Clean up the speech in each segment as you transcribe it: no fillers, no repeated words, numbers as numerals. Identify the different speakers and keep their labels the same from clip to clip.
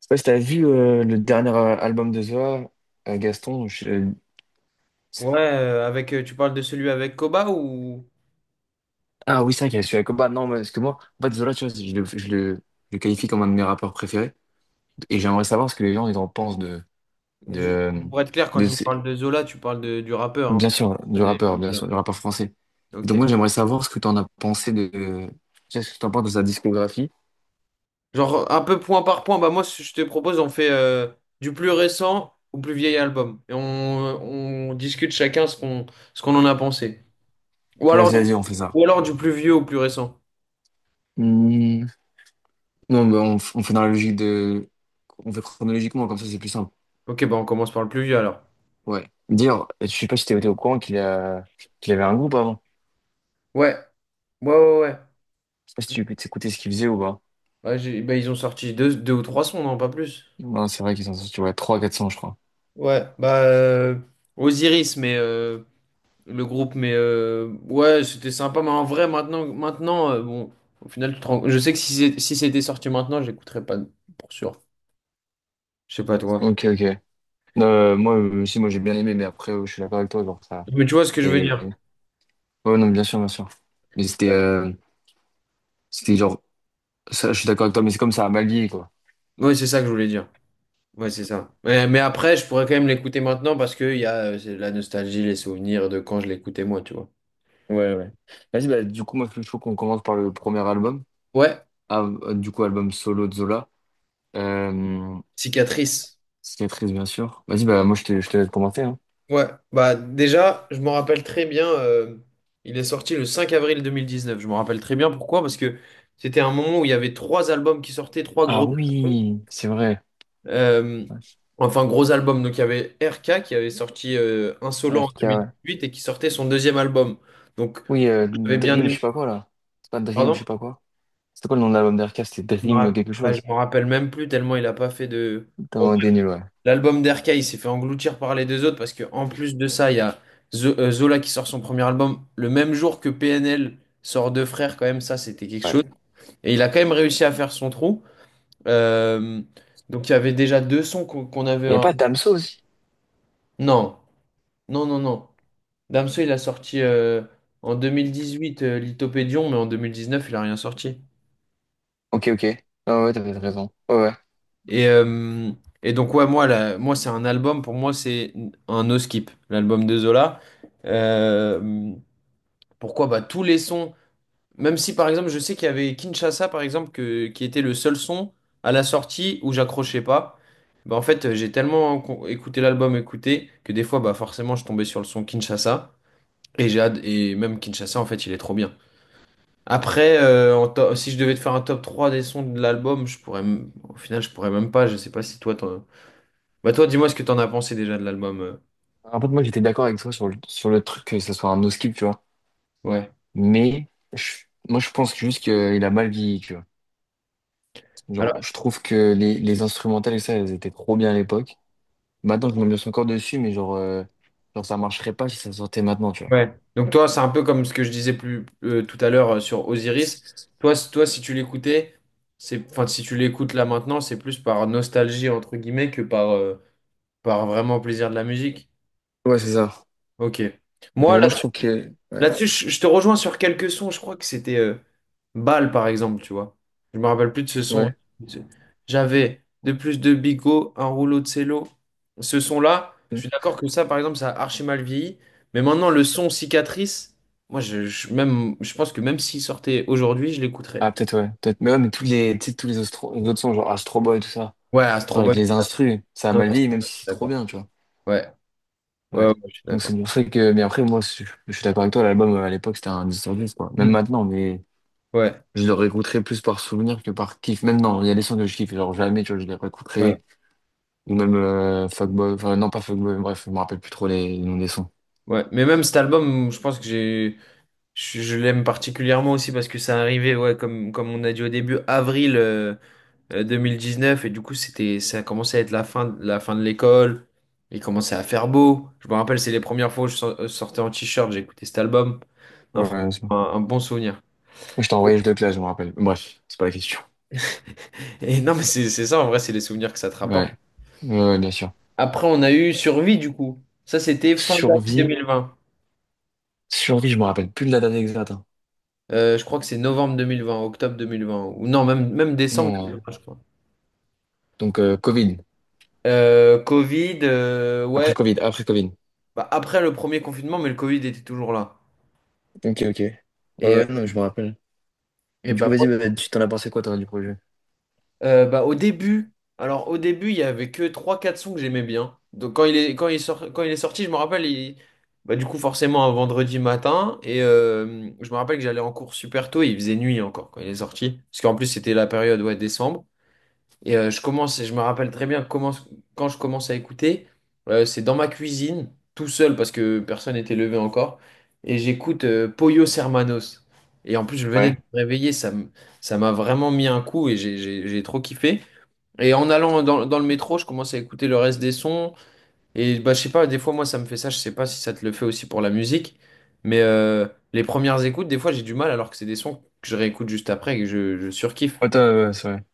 Speaker 1: Je sais pas si t'as vu le dernier album de Zola, Gaston.
Speaker 2: Ouais, avec, tu parles de celui avec Koba ou
Speaker 1: Ah oui, c'est vrai qu'il y a celui avec Koba. Non, mais parce que moi, en fait, Zola, tu vois, je le qualifie comme un de mes rappeurs préférés. Et j'aimerais savoir ce que les gens ils en pensent
Speaker 2: juste
Speaker 1: de,
Speaker 2: pour être clair, quand
Speaker 1: de
Speaker 2: tu me
Speaker 1: ces-
Speaker 2: parles de Zola, tu parles du rappeur, hein,
Speaker 1: bien sûr, du
Speaker 2: pas
Speaker 1: rappeur,
Speaker 2: de
Speaker 1: bien
Speaker 2: Zola.
Speaker 1: sûr, du rappeur français. Donc
Speaker 2: Ok.
Speaker 1: moi, j'aimerais savoir ce que tu en as pensé de, tu sais, ce que t'en penses de sa discographie.
Speaker 2: Genre un peu point par point. Bah moi, ce que je te propose, on fait du plus récent au plus vieil album et on discute chacun ce qu'on en a pensé. Ou alors
Speaker 1: Vas-y,
Speaker 2: du,
Speaker 1: vas-y, on fait ça.
Speaker 2: ou alors du plus vieux au plus récent.
Speaker 1: Hmm. Non, mais on fait dans la logique de, on fait chronologiquement, comme ça, c'est plus simple.
Speaker 2: Ok, bah on commence par le plus vieux alors.
Speaker 1: Ouais. Dire, je sais pas si t'étais au courant qu'il avait un groupe avant.
Speaker 2: Ouais, ouais, ouais, ouais.
Speaker 1: Je sais pas si tu écoutais ce qu'il faisait ou pas.
Speaker 2: Bah, bah, ils ont sorti deux ou trois sons, non, pas plus.
Speaker 1: Non, c'est vrai qu'ils sont sortis, ouais, trois quatre cents je crois.
Speaker 2: Ouais, bah, Osiris, mais le groupe, mais ouais, c'était sympa. Mais en vrai, maintenant, maintenant, bon, au final, je sais que si c'était sorti maintenant, j'écouterais pas pour sûr. Je sais pas toi.
Speaker 1: Ok, ok. Moi aussi, moi j'ai bien aimé, mais après, je suis d'accord avec toi, genre, ça,
Speaker 2: Mais tu vois ce que je veux
Speaker 1: c'est...
Speaker 2: dire?
Speaker 1: Ouais, non, bien sûr, bien sûr. Mais c'était genre, ça, je suis d'accord avec toi, mais c'est comme ça, à mal vieilli, quoi.
Speaker 2: Ouais, c'est ça que je voulais dire. Ouais, c'est ça. Mais après, je pourrais quand même l'écouter maintenant parce que il y a c'est la nostalgie, les souvenirs de quand je l'écoutais moi, tu vois.
Speaker 1: Ouais, ouais. Vas-y, bah, du coup, moi, je trouve qu'on commence par le premier album.
Speaker 2: Ouais,
Speaker 1: Ah, du coup, album solo de Zola. Euh,
Speaker 2: cicatrice.
Speaker 1: cicatrice, bien sûr. Vas-y, bah, moi, je te laisse commencer, hein.
Speaker 2: Ouais, bah déjà, je m'en rappelle très bien. Il est sorti le 5 avril 2019. Je m'en rappelle très bien pourquoi, parce que c'était un moment où il y avait trois albums qui sortaient, trois gros
Speaker 1: Ah
Speaker 2: albums.
Speaker 1: oui, c'est vrai.
Speaker 2: Euh, enfin, gros album. Donc, il y avait RK qui avait sorti Insolent en deux
Speaker 1: RK,
Speaker 2: mille
Speaker 1: ouais.
Speaker 2: huit et qui sortait son deuxième album. Donc,
Speaker 1: Oui,
Speaker 2: j'avais bien
Speaker 1: Dream, je sais
Speaker 2: aimé.
Speaker 1: pas quoi, là. C'est pas Dream, je
Speaker 2: Pardon?
Speaker 1: sais pas quoi. C'était quoi le nom de l'album d'RK? C'était
Speaker 2: Je me
Speaker 1: Dream
Speaker 2: rapp-
Speaker 1: quelque
Speaker 2: Bah, je
Speaker 1: chose.
Speaker 2: m'en rappelle même plus tellement il a pas fait de. Bon,
Speaker 1: T'as des
Speaker 2: bref.
Speaker 1: nuls, ouais.
Speaker 2: L'album d'RK, il s'est fait engloutir par les deux autres parce que en plus de ça, il y a Zola qui sort son premier album le même jour que PNL sort Deux Frères. Quand même, ça, c'était quelque chose.
Speaker 1: Ouais.
Speaker 2: Et il a quand même réussi à faire son trou. Euh, donc, il y avait déjà deux sons qu'on avait.
Speaker 1: Il n'y a pas Damso aussi?
Speaker 2: Non. Non, non, non. Damso, il a sorti en 2018 Lithopédion, mais en 2019 il a rien sorti.
Speaker 1: Ok, ok. Ah ouais, t'as peut-être raison. Ouais, ouais.
Speaker 2: Et, euh, et donc, ouais, moi c'est un album, pour moi, c'est un no skip, l'album de Zola. Euh, Pourquoi? Bah, tous les sons, même si par exemple, je sais qu'il y avait Kinshasa, par exemple, qui était le seul son à la sortie où j'accrochais pas. Bah, en fait, j'ai tellement écouté l'album, écouté, que des fois, bah, forcément, je tombais sur le son Kinshasa. Et même Kinshasa, en fait, il est trop bien. Après, si je devais te faire un top 3 des sons de l'album, au final, je pourrais même pas. Je sais pas si toi, bah toi, dis-moi ce que t'en as pensé déjà de l'album.
Speaker 1: En fait, moi, j'étais d'accord avec toi sur sur le truc que ce soit un no-skip, tu vois.
Speaker 2: Ouais.
Speaker 1: Moi, je pense juste qu'il a mal vieilli, tu vois.
Speaker 2: Alors,
Speaker 1: Genre, je trouve que les instrumentales et ça, elles étaient trop bien à l'époque. Maintenant, je me suis encore dessus, mais genre, ça marcherait pas si ça sortait maintenant, tu vois.
Speaker 2: ouais. Donc toi, c'est un peu comme ce que je disais plus tout à l'heure sur Osiris. Toi, si tu l'écoutais, c'est, enfin, si tu l'écoutes là maintenant, c'est plus par nostalgie entre guillemets que par vraiment plaisir de la musique.
Speaker 1: Ouais, c'est ça.
Speaker 2: Ok.
Speaker 1: Mais
Speaker 2: Moi,
Speaker 1: moi, je trouve que... Ouais.
Speaker 2: là-dessus, je te rejoins sur quelques sons. Je crois que c'était Bal, par exemple, tu vois. Je me rappelle plus de ce son.
Speaker 1: Ouais.
Speaker 2: J'avais de plus de bigot, un rouleau de cello. Ce son-là, je suis d'accord que ça, par exemple, ça a archi mal vieilli. Mais maintenant, le son cicatrice, moi, même, je pense que même s'il sortait aujourd'hui, je l'écouterais.
Speaker 1: Ah, peut-être, ouais. Peut-être. Mais ouais, mais tous les, tu sais, les autres sons, genre Astro Boy, tout ça.
Speaker 2: Ouais,
Speaker 1: Genre
Speaker 2: Astro
Speaker 1: avec
Speaker 2: Boy.
Speaker 1: les instrus, ça a
Speaker 2: Non,
Speaker 1: mal vieilli,
Speaker 2: Astro
Speaker 1: même
Speaker 2: Boy,
Speaker 1: si c'est trop
Speaker 2: d'accord.
Speaker 1: bien, tu vois.
Speaker 2: Ouais, ouais,
Speaker 1: Ouais.
Speaker 2: ouais, je suis
Speaker 1: Donc
Speaker 2: d'accord.
Speaker 1: c'est pour ça que. Mais après, je suis d'accord avec toi, l'album à l'époque, c'était un 10 sur 10, quoi. Même
Speaker 2: Mm.
Speaker 1: maintenant, mais
Speaker 2: Ouais,
Speaker 1: je le réécouterai plus par souvenir que par kiff. Même non, il y a des sons que je kiffe, genre jamais, tu vois, je les
Speaker 2: ouais,
Speaker 1: réécouterai. Ou même Fuckboy, enfin, non, pas Fuckboy, bref, je me rappelle plus trop les noms des sons.
Speaker 2: ouais. Mais même cet album, je pense que j'ai. Je l'aime particulièrement aussi parce que ça arrivait, ouais, comme on a dit au début, avril 2019, et du coup, c'était, ça commençait à être la fin de l'école, il commençait à faire beau. Je me rappelle, c'est les premières fois où je sortais en t-shirt, j'écoutais cet album. Non,
Speaker 1: Ouais, ouais, c'est bon.
Speaker 2: franchement, un bon souvenir.
Speaker 1: Moi, je t'ai envoyé de classe, je me rappelle. Bref, c'est pas la question.
Speaker 2: Et non, mais c'est ça, en vrai, c'est les souvenirs que ça te rapporte.
Speaker 1: Ouais. Ouais, ouais, bien sûr.
Speaker 2: Après, on a eu Survie, du coup. Ça, c'était fin d'année
Speaker 1: Survie.
Speaker 2: 2020.
Speaker 1: Survie, je me rappelle plus de la date exacte, hein.
Speaker 2: Je crois que c'est novembre 2020, octobre 2020, ou non, même, même décembre
Speaker 1: Non,
Speaker 2: 2020, je crois.
Speaker 1: donc Covid.
Speaker 2: Covid,
Speaker 1: Après
Speaker 2: ouais.
Speaker 1: Covid, après Covid.
Speaker 2: Bah, après le premier confinement, mais le Covid était toujours là.
Speaker 1: Ok, ok. Ouais,
Speaker 2: Et, euh,
Speaker 1: ouais, non, je me rappelle.
Speaker 2: et
Speaker 1: Du
Speaker 2: bah,
Speaker 1: coup, vas-y,
Speaker 2: moi,
Speaker 1: bah, tu t'en as pensé quoi, toi, du projet?
Speaker 2: bah, au début, alors au début, il y avait que trois quatre sons que j'aimais bien. Donc quand il est sorti, je me rappelle, bah, du coup, forcément, un vendredi matin. Et je me rappelle que j'allais en cours super tôt et il faisait nuit encore quand il est sorti. Parce qu'en plus, c'était la période, ouais, décembre. Et je commence, je me rappelle très bien comment, quand je commence à écouter, c'est dans ma cuisine, tout seul, parce que personne n'était levé encore, et j'écoute Pollos Hermanos. Et en plus, je venais de
Speaker 1: Ouais.
Speaker 2: me réveiller, ça m'a vraiment mis un coup et j'ai trop kiffé. Et en allant dans le métro, je commence à écouter le reste des sons. Et bah, je sais pas, des fois, moi, ça me fait ça, je sais pas si ça te le fait aussi pour la musique, mais les premières écoutes, des fois, j'ai du mal, alors que c'est des sons que je réécoute juste après et que je surkiffe.
Speaker 1: Ouais, toi, ouais, c'est vrai.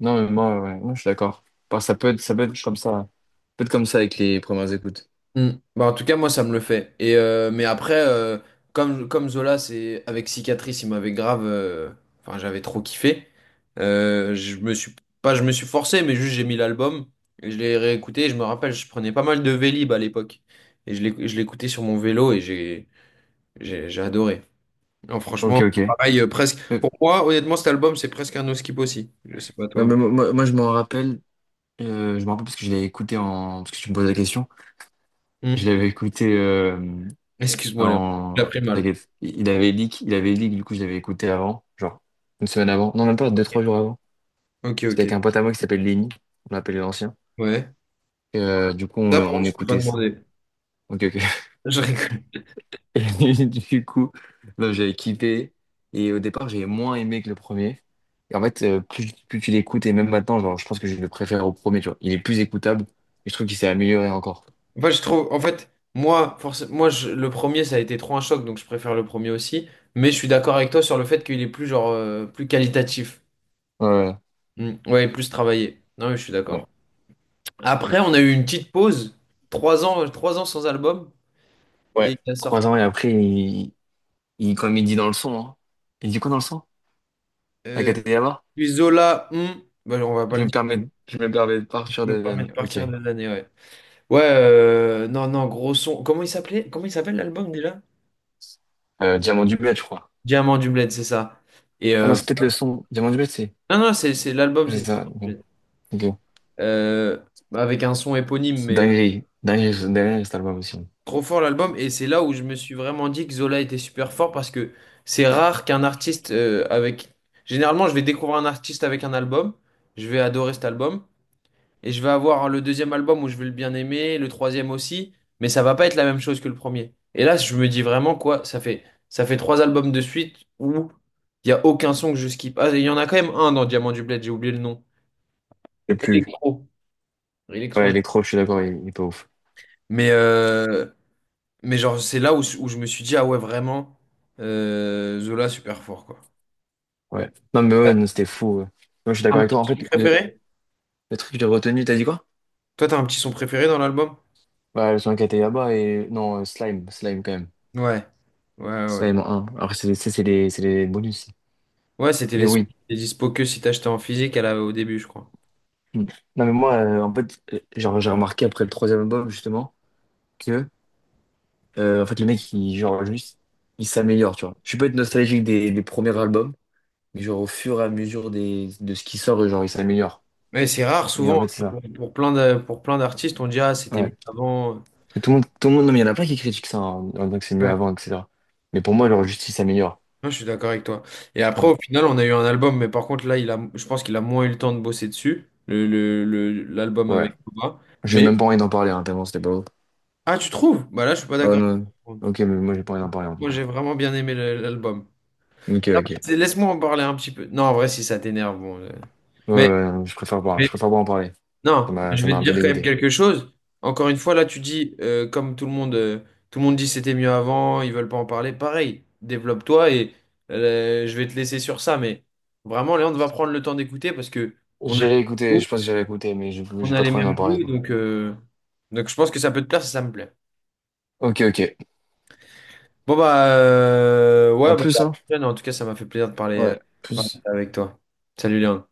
Speaker 1: Non, mais moi, ouais, moi, je suis d'accord. Parce que ça peut être comme ça. Ça peut être comme ça avec les premières écoutes.
Speaker 2: Mm. Bah, en tout cas, moi, ça me le fait. Mais après, comme Zola, c'est avec Cicatrice, il m'avait grave. Enfin, j'avais trop kiffé. Je me suis pas, je me suis forcé, mais juste j'ai mis l'album et je l'ai réécouté. Et je me rappelle, je prenais pas mal de Vélib à l'époque et je l'écoutais sur mon vélo et j'ai adoré. Non,
Speaker 1: Ok,
Speaker 2: franchement,
Speaker 1: ok.
Speaker 2: pareil, presque.
Speaker 1: Euh,
Speaker 2: Pour moi, honnêtement, cet album, c'est presque un no skip aussi. Je sais pas toi, mais.
Speaker 1: moi, je m'en rappelle. Je m'en rappelle parce que je l'avais écouté en. Parce que tu me poses la question. Je
Speaker 2: Mm.
Speaker 1: l'avais écouté
Speaker 2: Excuse-moi, Léon. J'ai
Speaker 1: en.
Speaker 2: appris mal.
Speaker 1: T'inquiète. Il avait leak, du coup, je l'avais écouté avant. Genre, une semaine avant. Non, même pas, deux, trois jours avant.
Speaker 2: Ok,
Speaker 1: C'était avec
Speaker 2: ok.
Speaker 1: un pote à moi qui s'appelle Lenny, on l'appelait l'ancien.
Speaker 2: Ouais.
Speaker 1: Et, du coup,
Speaker 2: Ça, par
Speaker 1: on
Speaker 2: contre, je peux pas
Speaker 1: écoutait ça.
Speaker 2: demander.
Speaker 1: Ok, ok.
Speaker 2: Je rigole.
Speaker 1: Et du coup, non, j'avais kiffé. Et au départ, j'avais moins aimé que le premier. Et en fait, plus tu l'écoutes, et même maintenant, genre, je pense que je le préfère au premier, tu vois. Il est plus écoutable. Et je trouve qu'il s'est amélioré encore.
Speaker 2: Moi, je trouve, en fait, moi, le premier, ça a été trop un choc, donc je préfère le premier aussi. Mais je suis d'accord avec toi sur le fait qu'il est plus, genre, plus qualitatif.
Speaker 1: Ouais, ouais.
Speaker 2: Mm. Ouais, plus travaillé. Non, mais je suis
Speaker 1: Ouais.
Speaker 2: d'accord. Après, on a eu une petite pause, trois ans sans album,
Speaker 1: Ouais,
Speaker 2: et il a sorti.
Speaker 1: trois ans et après, comme il dit dans le son, hein. Il dit quoi dans le son? La
Speaker 2: Euh,
Speaker 1: Katayama?
Speaker 2: Puis Zola, bah, on va pas le dire,
Speaker 1: Je me permets de
Speaker 2: je
Speaker 1: partir
Speaker 2: peux
Speaker 1: de
Speaker 2: me permettre
Speaker 1: l'année.
Speaker 2: de
Speaker 1: Ok.
Speaker 2: partir de l'année, ouais. Ouais, non, non, gros son. Comment il s'appelait? Comment il s'appelle l'album déjà?
Speaker 1: Diamant du Bled, je crois.
Speaker 2: Diamant du Bled, c'est ça. Et
Speaker 1: Ah non,
Speaker 2: euh,
Speaker 1: c'est peut-être le son. Diamant du Bled, c'est.
Speaker 2: non, non, c'est l'album,
Speaker 1: C'est
Speaker 2: c'est.
Speaker 1: ça. Bon, ok.
Speaker 2: euh, Avec un son éponyme, mais
Speaker 1: Dinguerie. Dinguerie, cet album aussi.
Speaker 2: trop fort l'album. Et c'est là où je me suis vraiment dit que Zola était super fort parce que c'est rare qu'un artiste avec. Généralement, je vais découvrir un artiste avec un album, je vais adorer cet album, et je vais avoir le deuxième album où je vais le bien aimer, le troisième aussi, mais ça va pas être la même chose que le premier. Et là, je me dis vraiment quoi, ça fait trois albums de suite où il y a aucun son que je skip. Ah, il y en a quand même un dans Diamant du Bled, j'ai oublié le nom.
Speaker 1: Et plus.
Speaker 2: Electro.
Speaker 1: Ouais,
Speaker 2: Electro.
Speaker 1: Electro, je suis d'accord, il est pas ouf.
Speaker 2: Mais euh, Mais genre, c'est là où je me suis dit, ah ouais, vraiment, Zola, super fort, quoi.
Speaker 1: Ouais. Non, mais ouais, non, c'était fou, ouais. Moi, je suis d'accord
Speaker 2: Un
Speaker 1: avec toi. En
Speaker 2: petit
Speaker 1: fait,
Speaker 2: son préféré?
Speaker 1: le truc que j'ai retenu, t'as dit quoi?
Speaker 2: Toi, t'as un petit son préféré dans l'album?
Speaker 1: Bah, le son qui était là-bas et. Non, Slime. Slime, quand même.
Speaker 2: Ouais. Ouais, ouais.
Speaker 1: Slime en un. Alors, c'est les bonus.
Speaker 2: Ouais, c'était
Speaker 1: Mais
Speaker 2: les sons
Speaker 1: oui.
Speaker 2: qui étaient dispo que si t'achetais en physique au début, je crois.
Speaker 1: Mm. Non, mais moi, genre, j'ai remarqué après le troisième album, justement, que, en fait, le mec, juste, il s'améliore, tu vois. Je peux être nostalgique des premiers albums. Et genre, au fur et à mesure de ce qui sort, genre, il s'améliore.
Speaker 2: Mais c'est rare,
Speaker 1: Et en
Speaker 2: souvent,
Speaker 1: fait, c'est ça.
Speaker 2: pour plein d'artistes, on dit, ah, c'était
Speaker 1: Ouais.
Speaker 2: mieux avant.
Speaker 1: Et tout le monde, non, mais il y en a plein qui critiquent ça en disant que c'est mieux
Speaker 2: Ouais.
Speaker 1: avant, etc. Mais pour moi, genre, juste, il s'améliore.
Speaker 2: Non, je suis d'accord avec toi. Et après,
Speaker 1: Ouais.
Speaker 2: au final, on a eu un album, mais par contre, là, je pense qu'il a moins eu le temps de bosser dessus, l'album
Speaker 1: Ouais.
Speaker 2: avec Koba.
Speaker 1: J'ai
Speaker 2: Mais,
Speaker 1: même pas envie d'en parler, hein, tellement c'était pas beau.
Speaker 2: ah, tu trouves? Bah là, je suis pas
Speaker 1: Ah ouais,
Speaker 2: d'accord.
Speaker 1: non. Ok, mais moi, j'ai pas envie d'en parler, en tout
Speaker 2: Moi,
Speaker 1: cas.
Speaker 2: j'ai vraiment bien aimé l'album.
Speaker 1: Ok,
Speaker 2: Ah, bah,
Speaker 1: ok. Ouais,
Speaker 2: Laisse-moi en parler un petit peu. Non, en vrai, si ça t'énerve, bon. Mais,
Speaker 1: ouais, non, je
Speaker 2: mais-
Speaker 1: préfère pas en parler.
Speaker 2: non, mais je
Speaker 1: Ça
Speaker 2: vais
Speaker 1: m'a
Speaker 2: te
Speaker 1: un peu
Speaker 2: dire quand même
Speaker 1: dégoûté.
Speaker 2: quelque chose. Encore une fois, là, tu dis, comme tout le monde dit c'était mieux avant, ils veulent pas en parler. Pareil, développe-toi et je vais te laisser sur ça. Mais vraiment, Léon va prendre le temps d'écouter parce que on a les,
Speaker 1: J'ai
Speaker 2: mêmes
Speaker 1: écouté,
Speaker 2: goûts,
Speaker 1: je pense que j'ai écouté, mais
Speaker 2: on
Speaker 1: j'ai
Speaker 2: a
Speaker 1: pas
Speaker 2: les
Speaker 1: trop envie d'en
Speaker 2: mêmes
Speaker 1: parler,
Speaker 2: goûts,
Speaker 1: quoi.
Speaker 2: donc je pense que ça peut te plaire si ça me plaît.
Speaker 1: Ok, ok.
Speaker 2: Bon bah ouais bah,
Speaker 1: À
Speaker 2: à la
Speaker 1: plus, hein.
Speaker 2: prochaine. En tout cas ça m'a fait plaisir de
Speaker 1: Ouais.
Speaker 2: parler
Speaker 1: Plus.
Speaker 2: avec toi. Salut Léon.